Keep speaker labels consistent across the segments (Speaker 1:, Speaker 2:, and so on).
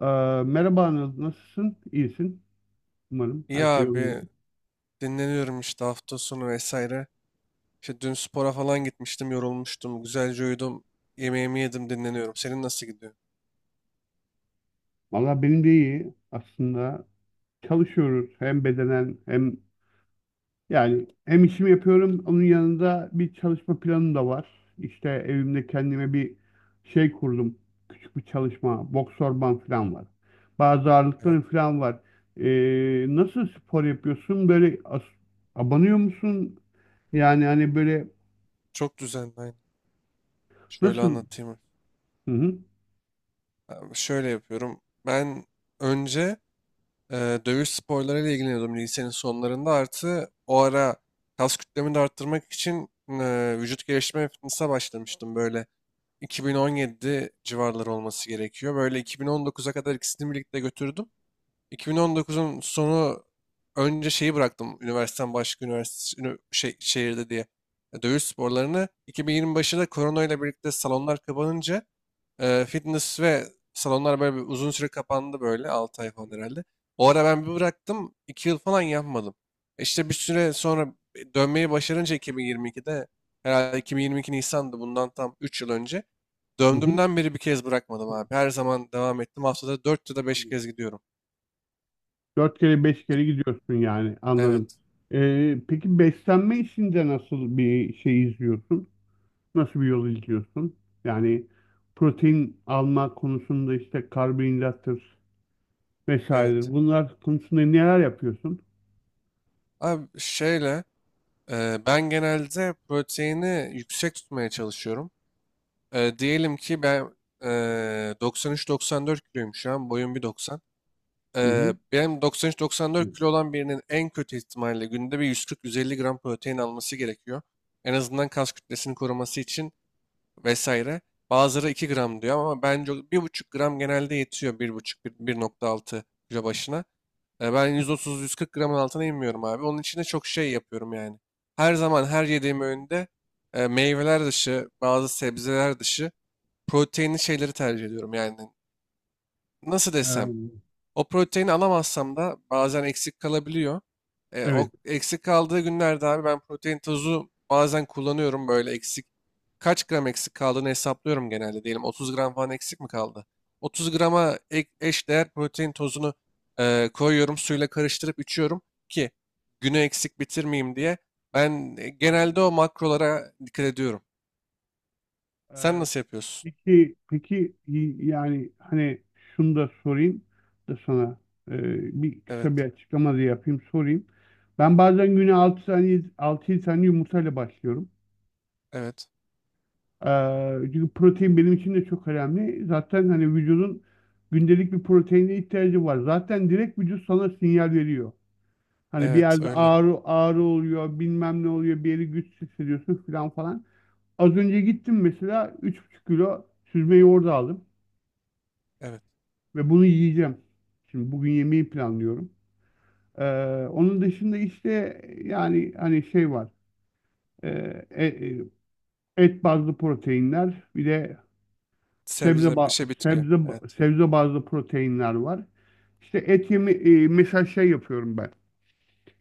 Speaker 1: Ee, Merhaba Anıl, nasılsın? İyisin umarım.
Speaker 2: İyi
Speaker 1: Her şey yolunda.
Speaker 2: abi dinleniyorum işte hafta sonu vesaire. İşte dün spora falan gitmiştim, yorulmuştum, güzelce uyudum, yemeğimi yedim, dinleniyorum. Senin nasıl gidiyor?
Speaker 1: Valla benim de iyi. Aslında çalışıyoruz hem bedenen hem yani hem işimi yapıyorum. Onun yanında bir çalışma planım da var. İşte evimde kendime bir şey kurdum. Küçük bir çalışma, boks orman falan var. Bazı
Speaker 2: Evet,
Speaker 1: ağırlıkların falan var. Nasıl spor yapıyorsun? Böyle abanıyor musun? Yani hani böyle
Speaker 2: çok düzenli aynı. Şöyle
Speaker 1: nasıl?
Speaker 2: anlatayım.
Speaker 1: Hı hı.
Speaker 2: Abi şöyle yapıyorum. Ben önce dövüş sporlarıyla ilgileniyordum lisenin sonlarında. Artı o ara kas kütlemi de arttırmak için vücut geliştirme ve fitness'a başlamıştım. Böyle 2017 civarları olması gerekiyor. Böyle 2019'a kadar ikisini birlikte götürdüm. 2019'un sonu önce şeyi bıraktım üniversiteden başka üniversite şey, şehirde diye dövüş sporlarını. 2020 başında korona ile birlikte salonlar kapanınca fitness ve salonlar böyle bir uzun süre kapandı böyle 6 ay falan herhalde. O ara ben bir bıraktım 2 yıl falan yapmadım. İşte bir süre sonra dönmeyi başarınca 2022'de herhalde 2022 Nisan'dı bundan tam 3 yıl önce.
Speaker 1: Hı
Speaker 2: Döndüğümden beri bir kez bırakmadım abi. Her zaman devam ettim. Haftada 4 ya da 5
Speaker 1: hı.
Speaker 2: kez gidiyorum.
Speaker 1: Dört kere beş kere gidiyorsun yani anladım.
Speaker 2: Evet.
Speaker 1: Peki beslenme işinde nasıl bir şey izliyorsun? Nasıl bir yol izliyorsun? Yani protein alma konusunda işte karbonhidrattır
Speaker 2: Evet.
Speaker 1: vesairedir. Bunlar konusunda neler yapıyorsun?
Speaker 2: Abi şeyle ben genelde proteini yüksek tutmaya çalışıyorum. Diyelim ki ben 93-94 kiloyum şu an. Boyum 1,90.
Speaker 1: Hı hı.
Speaker 2: Benim 93-94 kilo olan birinin en kötü ihtimalle günde bir 140-150 gram protein alması gerekiyor. En azından kas kütlesini koruması için vesaire. Bazıları 2 gram diyor ama bence o bir buçuk gram genelde yetiyor bir buçuk bir 16 kilo başına. Ben 130-140 gramın altına inmiyorum abi. Onun için de çok şey yapıyorum yani. Her zaman her yediğim öğünde meyveler dışı, bazı sebzeler dışı proteinli şeyleri tercih ediyorum. Yani nasıl desem
Speaker 1: Ee,
Speaker 2: o proteini alamazsam da bazen eksik kalabiliyor. O
Speaker 1: evet.
Speaker 2: eksik kaldığı günlerde abi ben protein tozu bazen kullanıyorum böyle eksik. Kaç gram eksik kaldığını hesaplıyorum genelde. Diyelim 30 gram falan eksik mi kaldı? 30 grama eş değer protein tozunu koyuyorum. Suyla karıştırıp içiyorum ki günü eksik bitirmeyeyim diye. Ben
Speaker 1: Anladım.
Speaker 2: genelde o makrolara dikkat ediyorum.
Speaker 1: Ee,
Speaker 2: Sen nasıl yapıyorsun?
Speaker 1: peki, yani hani şunu da sorayım da sana bir
Speaker 2: Evet,
Speaker 1: kısa bir açıklama da yapayım sorayım. Ben bazen güne 6 tane 6 tane yumurtayla başlıyorum.
Speaker 2: evet,
Speaker 1: Çünkü protein benim için de çok önemli. Zaten hani vücudun gündelik bir proteine ihtiyacı var. Zaten direkt vücut sana sinyal veriyor. Hani bir
Speaker 2: evet
Speaker 1: yerde
Speaker 2: öyle.
Speaker 1: ağrı ağrı oluyor, bilmem ne oluyor, bir yeri güçsüz hissediyorsun falan falan. Az önce gittim mesela 3,5 kilo süzme yoğurdu aldım.
Speaker 2: Evet.
Speaker 1: Ve bunu yiyeceğim. Şimdi bugün yemeği planlıyorum. Ee, Onun dışında işte yani hani şey var. Ee, e- e- et bazlı proteinler, bir de sebze
Speaker 2: Sebze, bir
Speaker 1: ba-
Speaker 2: şey bitki. Evet,
Speaker 1: sebze bazlı proteinler var. İşte et yemi mesela şey yapıyorum ben.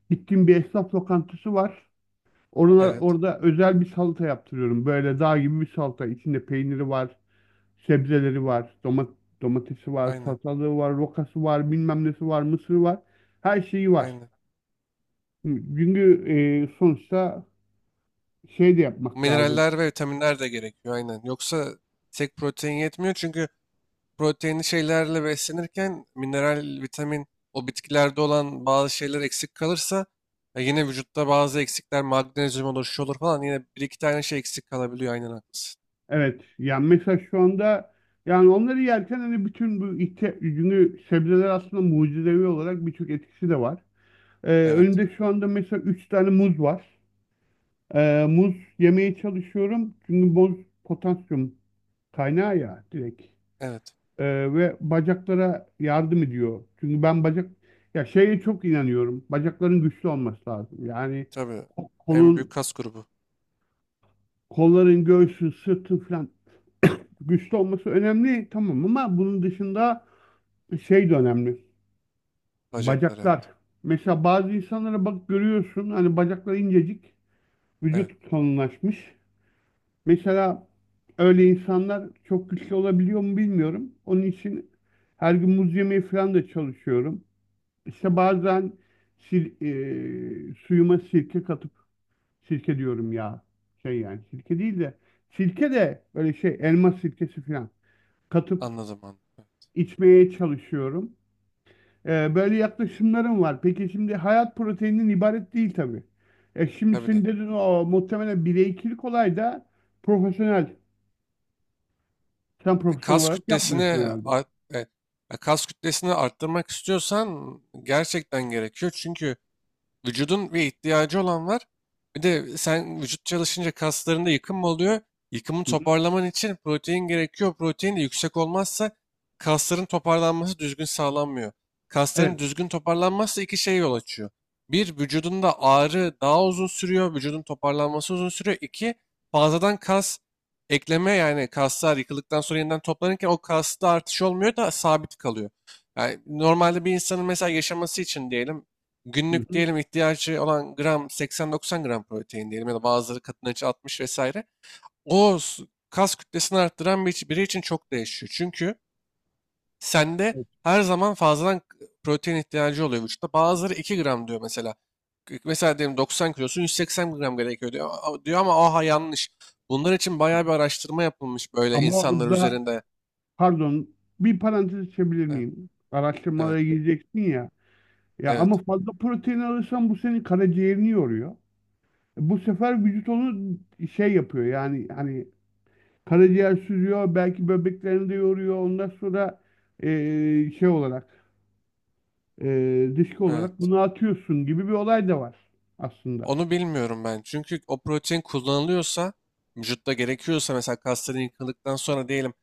Speaker 1: Gittiğim bir esnaf lokantası var.
Speaker 2: evet.
Speaker 1: Orada özel bir salata yaptırıyorum. Böyle dağ gibi bir salata. İçinde peyniri var. Sebzeleri var, domatesi var,
Speaker 2: Aynen,
Speaker 1: salatalığı var, rokası var, bilmem nesi var, mısırı var. Her şeyi var.
Speaker 2: aynen.
Speaker 1: Çünkü sonuçta şey de yapmak lazım.
Speaker 2: Mineraller ve vitaminler de gerekiyor, aynen. Yoksa tek protein yetmiyor çünkü proteinli şeylerle beslenirken mineral, vitamin, o bitkilerde olan bazı şeyler eksik kalırsa yine vücutta bazı eksikler, magnezyum olur, şu olur falan yine bir iki tane şey eksik kalabiliyor, aynen haklısın.
Speaker 1: Evet, yani mesela şu anda yani onları yerken hani bütün bu çünkü sebzeler aslında mucizevi olarak birçok etkisi de var.
Speaker 2: Evet,
Speaker 1: Önümde şu anda mesela 3 tane muz var. Muz yemeye çalışıyorum. Çünkü muz potasyum kaynağı ya direkt.
Speaker 2: evet.
Speaker 1: Ve bacaklara yardım ediyor. Çünkü ben ya şeye çok inanıyorum. Bacakların güçlü olması lazım. Yani
Speaker 2: Tabii
Speaker 1: ko-
Speaker 2: en büyük
Speaker 1: kolun,
Speaker 2: kas grubu
Speaker 1: kolların, göğsü, sırtı falan güçlü olması önemli tamam ama bunun dışında şey de önemli.
Speaker 2: bacaklar, evet.
Speaker 1: Bacaklar. Mesela bazı insanlara bak görüyorsun hani bacakları incecik,
Speaker 2: Evet,
Speaker 1: vücut kalınlaşmış. Mesela öyle insanlar çok güçlü olabiliyor mu bilmiyorum. Onun için her gün muz yemeye falan da çalışıyorum. İşte bazen sil, suyuma sirke katıp sirke diyorum ya şey yani sirke değil de sirke de böyle şey elma sirkesi falan katıp
Speaker 2: anladım anladım. Evet,
Speaker 1: içmeye çalışıyorum. Böyle yaklaşımlarım var. Peki şimdi hayat proteininden ibaret değil tabii. Şimdi
Speaker 2: tabii
Speaker 1: senin
Speaker 2: de
Speaker 1: dedin o muhtemelen bireykilik olay da profesyonel. Sen
Speaker 2: E,
Speaker 1: profesyonel
Speaker 2: kas
Speaker 1: olarak
Speaker 2: kütlesini
Speaker 1: yapmıyorsun herhalde.
Speaker 2: art- e, kas kütlesini arttırmak istiyorsan gerçekten gerekiyor. Çünkü vücudun bir ihtiyacı olan var. Bir de sen vücut çalışınca kaslarında yıkım oluyor. Yıkımı
Speaker 1: Hı hı.
Speaker 2: toparlaman için protein gerekiyor. Protein de yüksek olmazsa kasların toparlanması düzgün sağlanmıyor. Kasların
Speaker 1: Evet.
Speaker 2: düzgün toparlanmazsa iki şey yol açıyor. Bir, vücudunda ağrı daha uzun sürüyor. Vücudun toparlanması uzun sürüyor. İki, fazladan kas ekleme yani kaslar yıkıldıktan sonra yeniden toplanırken o kasta artış olmuyor da sabit kalıyor. Yani normalde bir insanın mesela yaşaması için diyelim
Speaker 1: Hı
Speaker 2: günlük
Speaker 1: hı.
Speaker 2: diyelim ihtiyacı olan gram 80-90 gram protein diyelim ya da bazıları kadınlar için 60 vesaire. O s- Kas kütlesini arttıran biri için çok değişiyor. Çünkü sende
Speaker 1: Evet.
Speaker 2: her zaman fazladan protein ihtiyacı oluyor vücutta. Bazıları 2 gram diyor mesela. Mesela diyelim 90 kilosun 180 gram gerekiyor diyor, diyor ama aha yanlış. Bunlar için bayağı bir araştırma yapılmış böyle
Speaker 1: Ama
Speaker 2: insanlar
Speaker 1: orada
Speaker 2: üzerinde.
Speaker 1: Pardon, bir parantez açabilir
Speaker 2: Evet,
Speaker 1: miyim?
Speaker 2: evet,
Speaker 1: Araştırmalara gireceksin ya. Ya ama
Speaker 2: evet,
Speaker 1: fazla protein alırsan bu senin karaciğerini yoruyor. Bu sefer vücut onu şey yapıyor yani hani karaciğer süzüyor belki böbreklerini de yoruyor. Ondan sonra şey olarak dışkı olarak
Speaker 2: evet.
Speaker 1: bunu atıyorsun gibi bir olay da var aslında.
Speaker 2: Onu bilmiyorum ben. Çünkü o protein kullanılıyorsa, vücutta gerekiyorsa mesela kasların yıkıldıktan sonra diyelim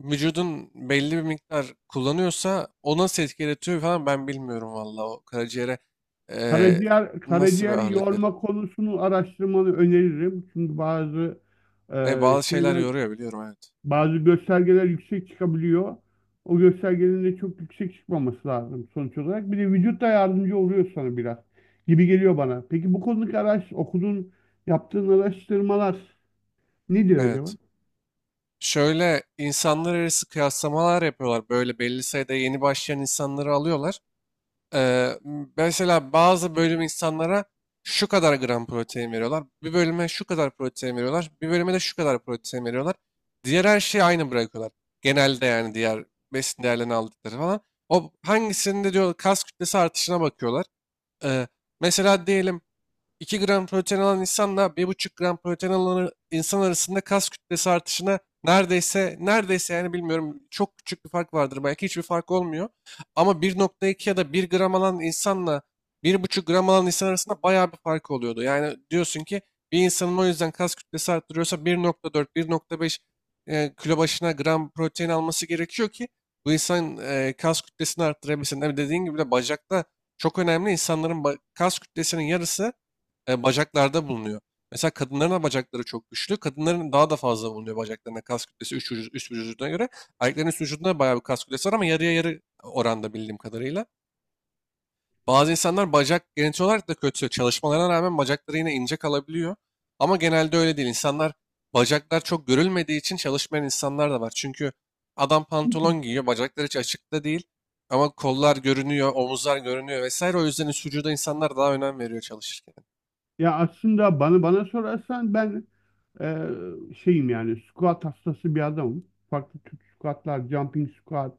Speaker 2: vücudun belli bir miktar kullanıyorsa o nasıl etki yaratıyor falan ben bilmiyorum valla. O karaciğere eee,
Speaker 1: Karaciğer
Speaker 2: nasıl bir
Speaker 1: karaciğer
Speaker 2: ağırlık veriyor.
Speaker 1: yorma konusunu araştırmanı öneririm. Çünkü bazı e,
Speaker 2: Bazı şeyler
Speaker 1: şeyler
Speaker 2: yoruyor biliyorum evet.
Speaker 1: bazı göstergeler yüksek çıkabiliyor. O göstergelerin de çok yüksek çıkmaması lazım sonuç olarak. Bir de vücut da yardımcı oluyor sana biraz gibi geliyor bana. Peki bu konudaki okuduğun, yaptığın araştırmalar ne diyor acaba?
Speaker 2: Evet. Şöyle insanlar arası kıyaslamalar yapıyorlar. Böyle belli sayıda yeni başlayan insanları alıyorlar. Ee, Mesela bazı bölüm insanlara şu kadar gram protein veriyorlar. Bir bölüme şu kadar protein veriyorlar. Bir bölüme de şu kadar protein veriyorlar. Diğer her şeyi aynı bırakıyorlar. Genelde yani diğer besin değerlerini aldıkları falan. O hangisinde diyor kas kütlesi artışına bakıyorlar. Ee, Mesela diyelim 2 gram protein alan insanla bir buçuk gram protein alan insan arasında kas kütlesi artışına neredeyse neredeyse yani bilmiyorum çok küçük bir fark vardır belki hiçbir fark olmuyor. Ama 1,2 ya da bir gram alan insanla bir buçuk gram alan insan arasında bayağı bir fark oluyordu. Yani diyorsun ki bir insanın o yüzden kas kütlesi arttırıyorsa 1,4 1,5 kilo başına gram protein alması gerekiyor ki bu insan kas kütlesini arttırabilsin. Tabii dediğin gibi de bacakta çok önemli. İnsanların kas kütlesinin yarısı bacaklarda bulunuyor. Mesela kadınların da bacakları çok güçlü. Kadınların daha da fazla bulunuyor bacaklarına kas kütlesi üst vücuduna göre. Erkeklerin üst vücudunda bayağı bir kas kütlesi var ama yarıya yarı oranda bildiğim kadarıyla. Bazı insanlar bacak genetik olarak da kötü. Çalışmalarına rağmen bacakları yine ince kalabiliyor. Ama genelde öyle değil. İnsanlar bacaklar çok görülmediği için çalışmayan insanlar da var. Çünkü adam pantolon giyiyor, bacakları hiç açıkta değil. Ama kollar görünüyor, omuzlar görünüyor vesaire. O yüzden üst vücuda insanlar daha önem veriyor çalışırken.
Speaker 1: Ya aslında bana sorarsan ben Ee, şeyim yani squat hastası bir adamım. Farklı tür squatlar, jumping squat,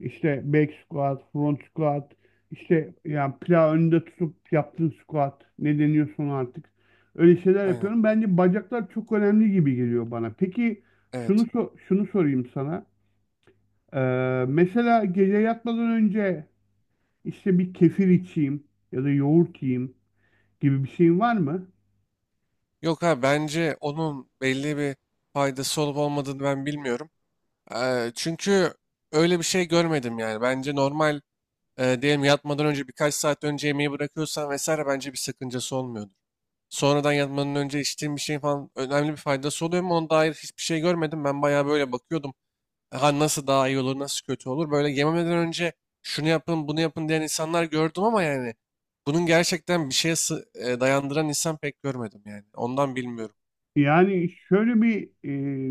Speaker 1: işte back squat, front squat, işte yani plağı önünde tutup yaptığın squat ne deniyorsun artık. Öyle şeyler
Speaker 2: Aynen.
Speaker 1: yapıyorum. Bence bacaklar çok önemli gibi geliyor bana. Peki
Speaker 2: Evet.
Speaker 1: şunu sorayım sana. Mesela gece yatmadan önce işte bir kefir içeyim ya da yoğurt yiyeyim gibi bir şeyin var mı?
Speaker 2: Yok abi bence onun belli bir faydası olup olmadığını ben bilmiyorum. Çünkü öyle bir şey görmedim yani. Bence normal diyelim yatmadan önce birkaç saat önce yemeği bırakıyorsan vesaire bence bir sakıncası olmuyordur. Sonradan yatmadan önce içtiğim bir şeyin falan önemli bir faydası oluyor mu? Ona dair hiçbir şey görmedim. Ben bayağı böyle bakıyordum. Ha nasıl daha iyi olur, nasıl kötü olur? Böyle yememeden önce şunu yapın, bunu yapın diyen insanlar gördüm ama yani bunun gerçekten bir şeye dayandıran insan pek görmedim yani. Ondan bilmiyorum.
Speaker 1: Yani şöyle bir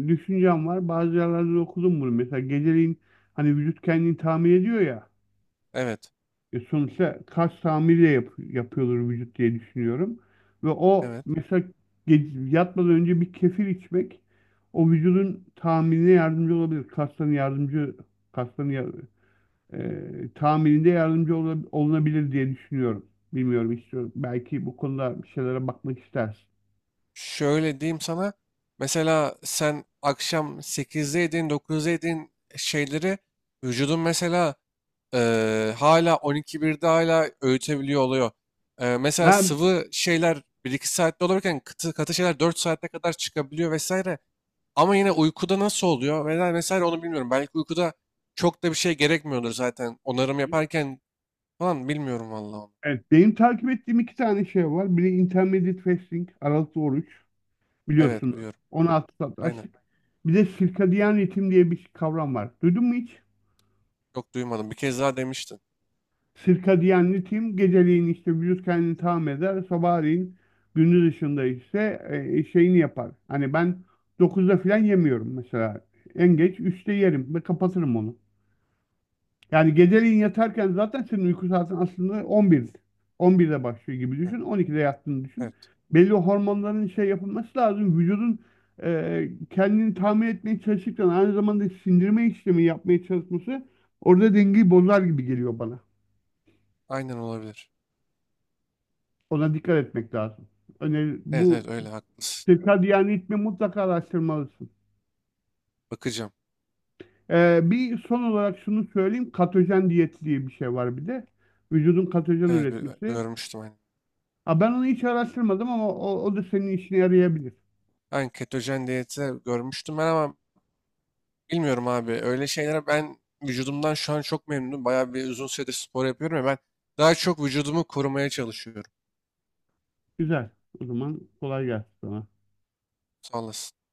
Speaker 1: düşüncem var. Bazı yerlerde de okudum bunu. Mesela geceleyin hani vücut kendini tamir ediyor ya.
Speaker 2: Evet,
Speaker 1: Sonuçta kas tamiri de yapıyordur vücut diye düşünüyorum. Ve o
Speaker 2: evet.
Speaker 1: mesela yatmadan önce bir kefir içmek o vücudun tamirine yardımcı olabilir. Kasların tamirinde yardımcı olunabilir diye düşünüyorum. Bilmiyorum istiyorum. Belki bu konuda bir şeylere bakmak istersin.
Speaker 2: Şöyle diyeyim sana. Mesela sen akşam sekizde yediğin, dokuzda yediğin şeyleri vücudun mesela hala on iki birde hala öğütebiliyor oluyor. Mesela
Speaker 1: Ben
Speaker 2: sıvı şeyler bir iki saatte olurken katı, katı şeyler 4 saate kadar çıkabiliyor vesaire. Ama yine uykuda nasıl oluyor? Mesela, mesela onu bilmiyorum. Belki uykuda çok da bir şey gerekmiyordur zaten. Onarım yaparken falan bilmiyorum vallahi onu.
Speaker 1: Evet, benim takip ettiğim iki tane şey var. Biri Intermittent Fasting, aralıklı oruç
Speaker 2: Evet
Speaker 1: biliyorsunuz.
Speaker 2: biliyorum.
Speaker 1: 16 saat
Speaker 2: Aynen.
Speaker 1: açlık. Bir de circadian ritim diye bir kavram var. Duydun mu hiç?
Speaker 2: Çok duymadım. Bir kez daha demiştin.
Speaker 1: Circadian ritim geceleyin işte vücut kendini tamam eder. Sabahleyin gündüz ışığında ise şeyini yapar. Hani ben 9'da falan yemiyorum mesela. En geç 3'te yerim ve kapatırım onu. Yani geceliğin yatarken zaten senin uyku saatin aslında 11. 11'de başlıyor gibi
Speaker 2: Evet.
Speaker 1: düşün. 12'de yattığını düşün.
Speaker 2: Evet.
Speaker 1: Belli hormonların şey yapılması lazım. Vücudun kendini tamir etmeye çalışırken aynı zamanda sindirme işlemi yapmaya çalışması orada dengeyi bozar gibi geliyor bana.
Speaker 2: Aynen olabilir.
Speaker 1: Ona dikkat etmek lazım. Öneri,
Speaker 2: Evet evet
Speaker 1: bu
Speaker 2: öyle haklısın.
Speaker 1: yani ritmi mutlaka araştırmalısın.
Speaker 2: Bakacağım.
Speaker 1: Bir son olarak şunu söyleyeyim. Katojen diyet diye bir şey var bir de. Vücudun katojen
Speaker 2: Evet
Speaker 1: üretmesi.
Speaker 2: görmüştüm hani.
Speaker 1: Ha, ben onu hiç araştırmadım ama o da senin işine yarayabilir.
Speaker 2: Ben ketojen diyeti görmüştüm ben ama bilmiyorum abi. Öyle şeylere ben vücudumdan şu an çok memnunum. Bayağı bir uzun süredir spor yapıyorum ya ben daha çok vücudumu korumaya çalışıyorum.
Speaker 1: Güzel. O zaman kolay gelsin sana.
Speaker 2: Sağ olasın.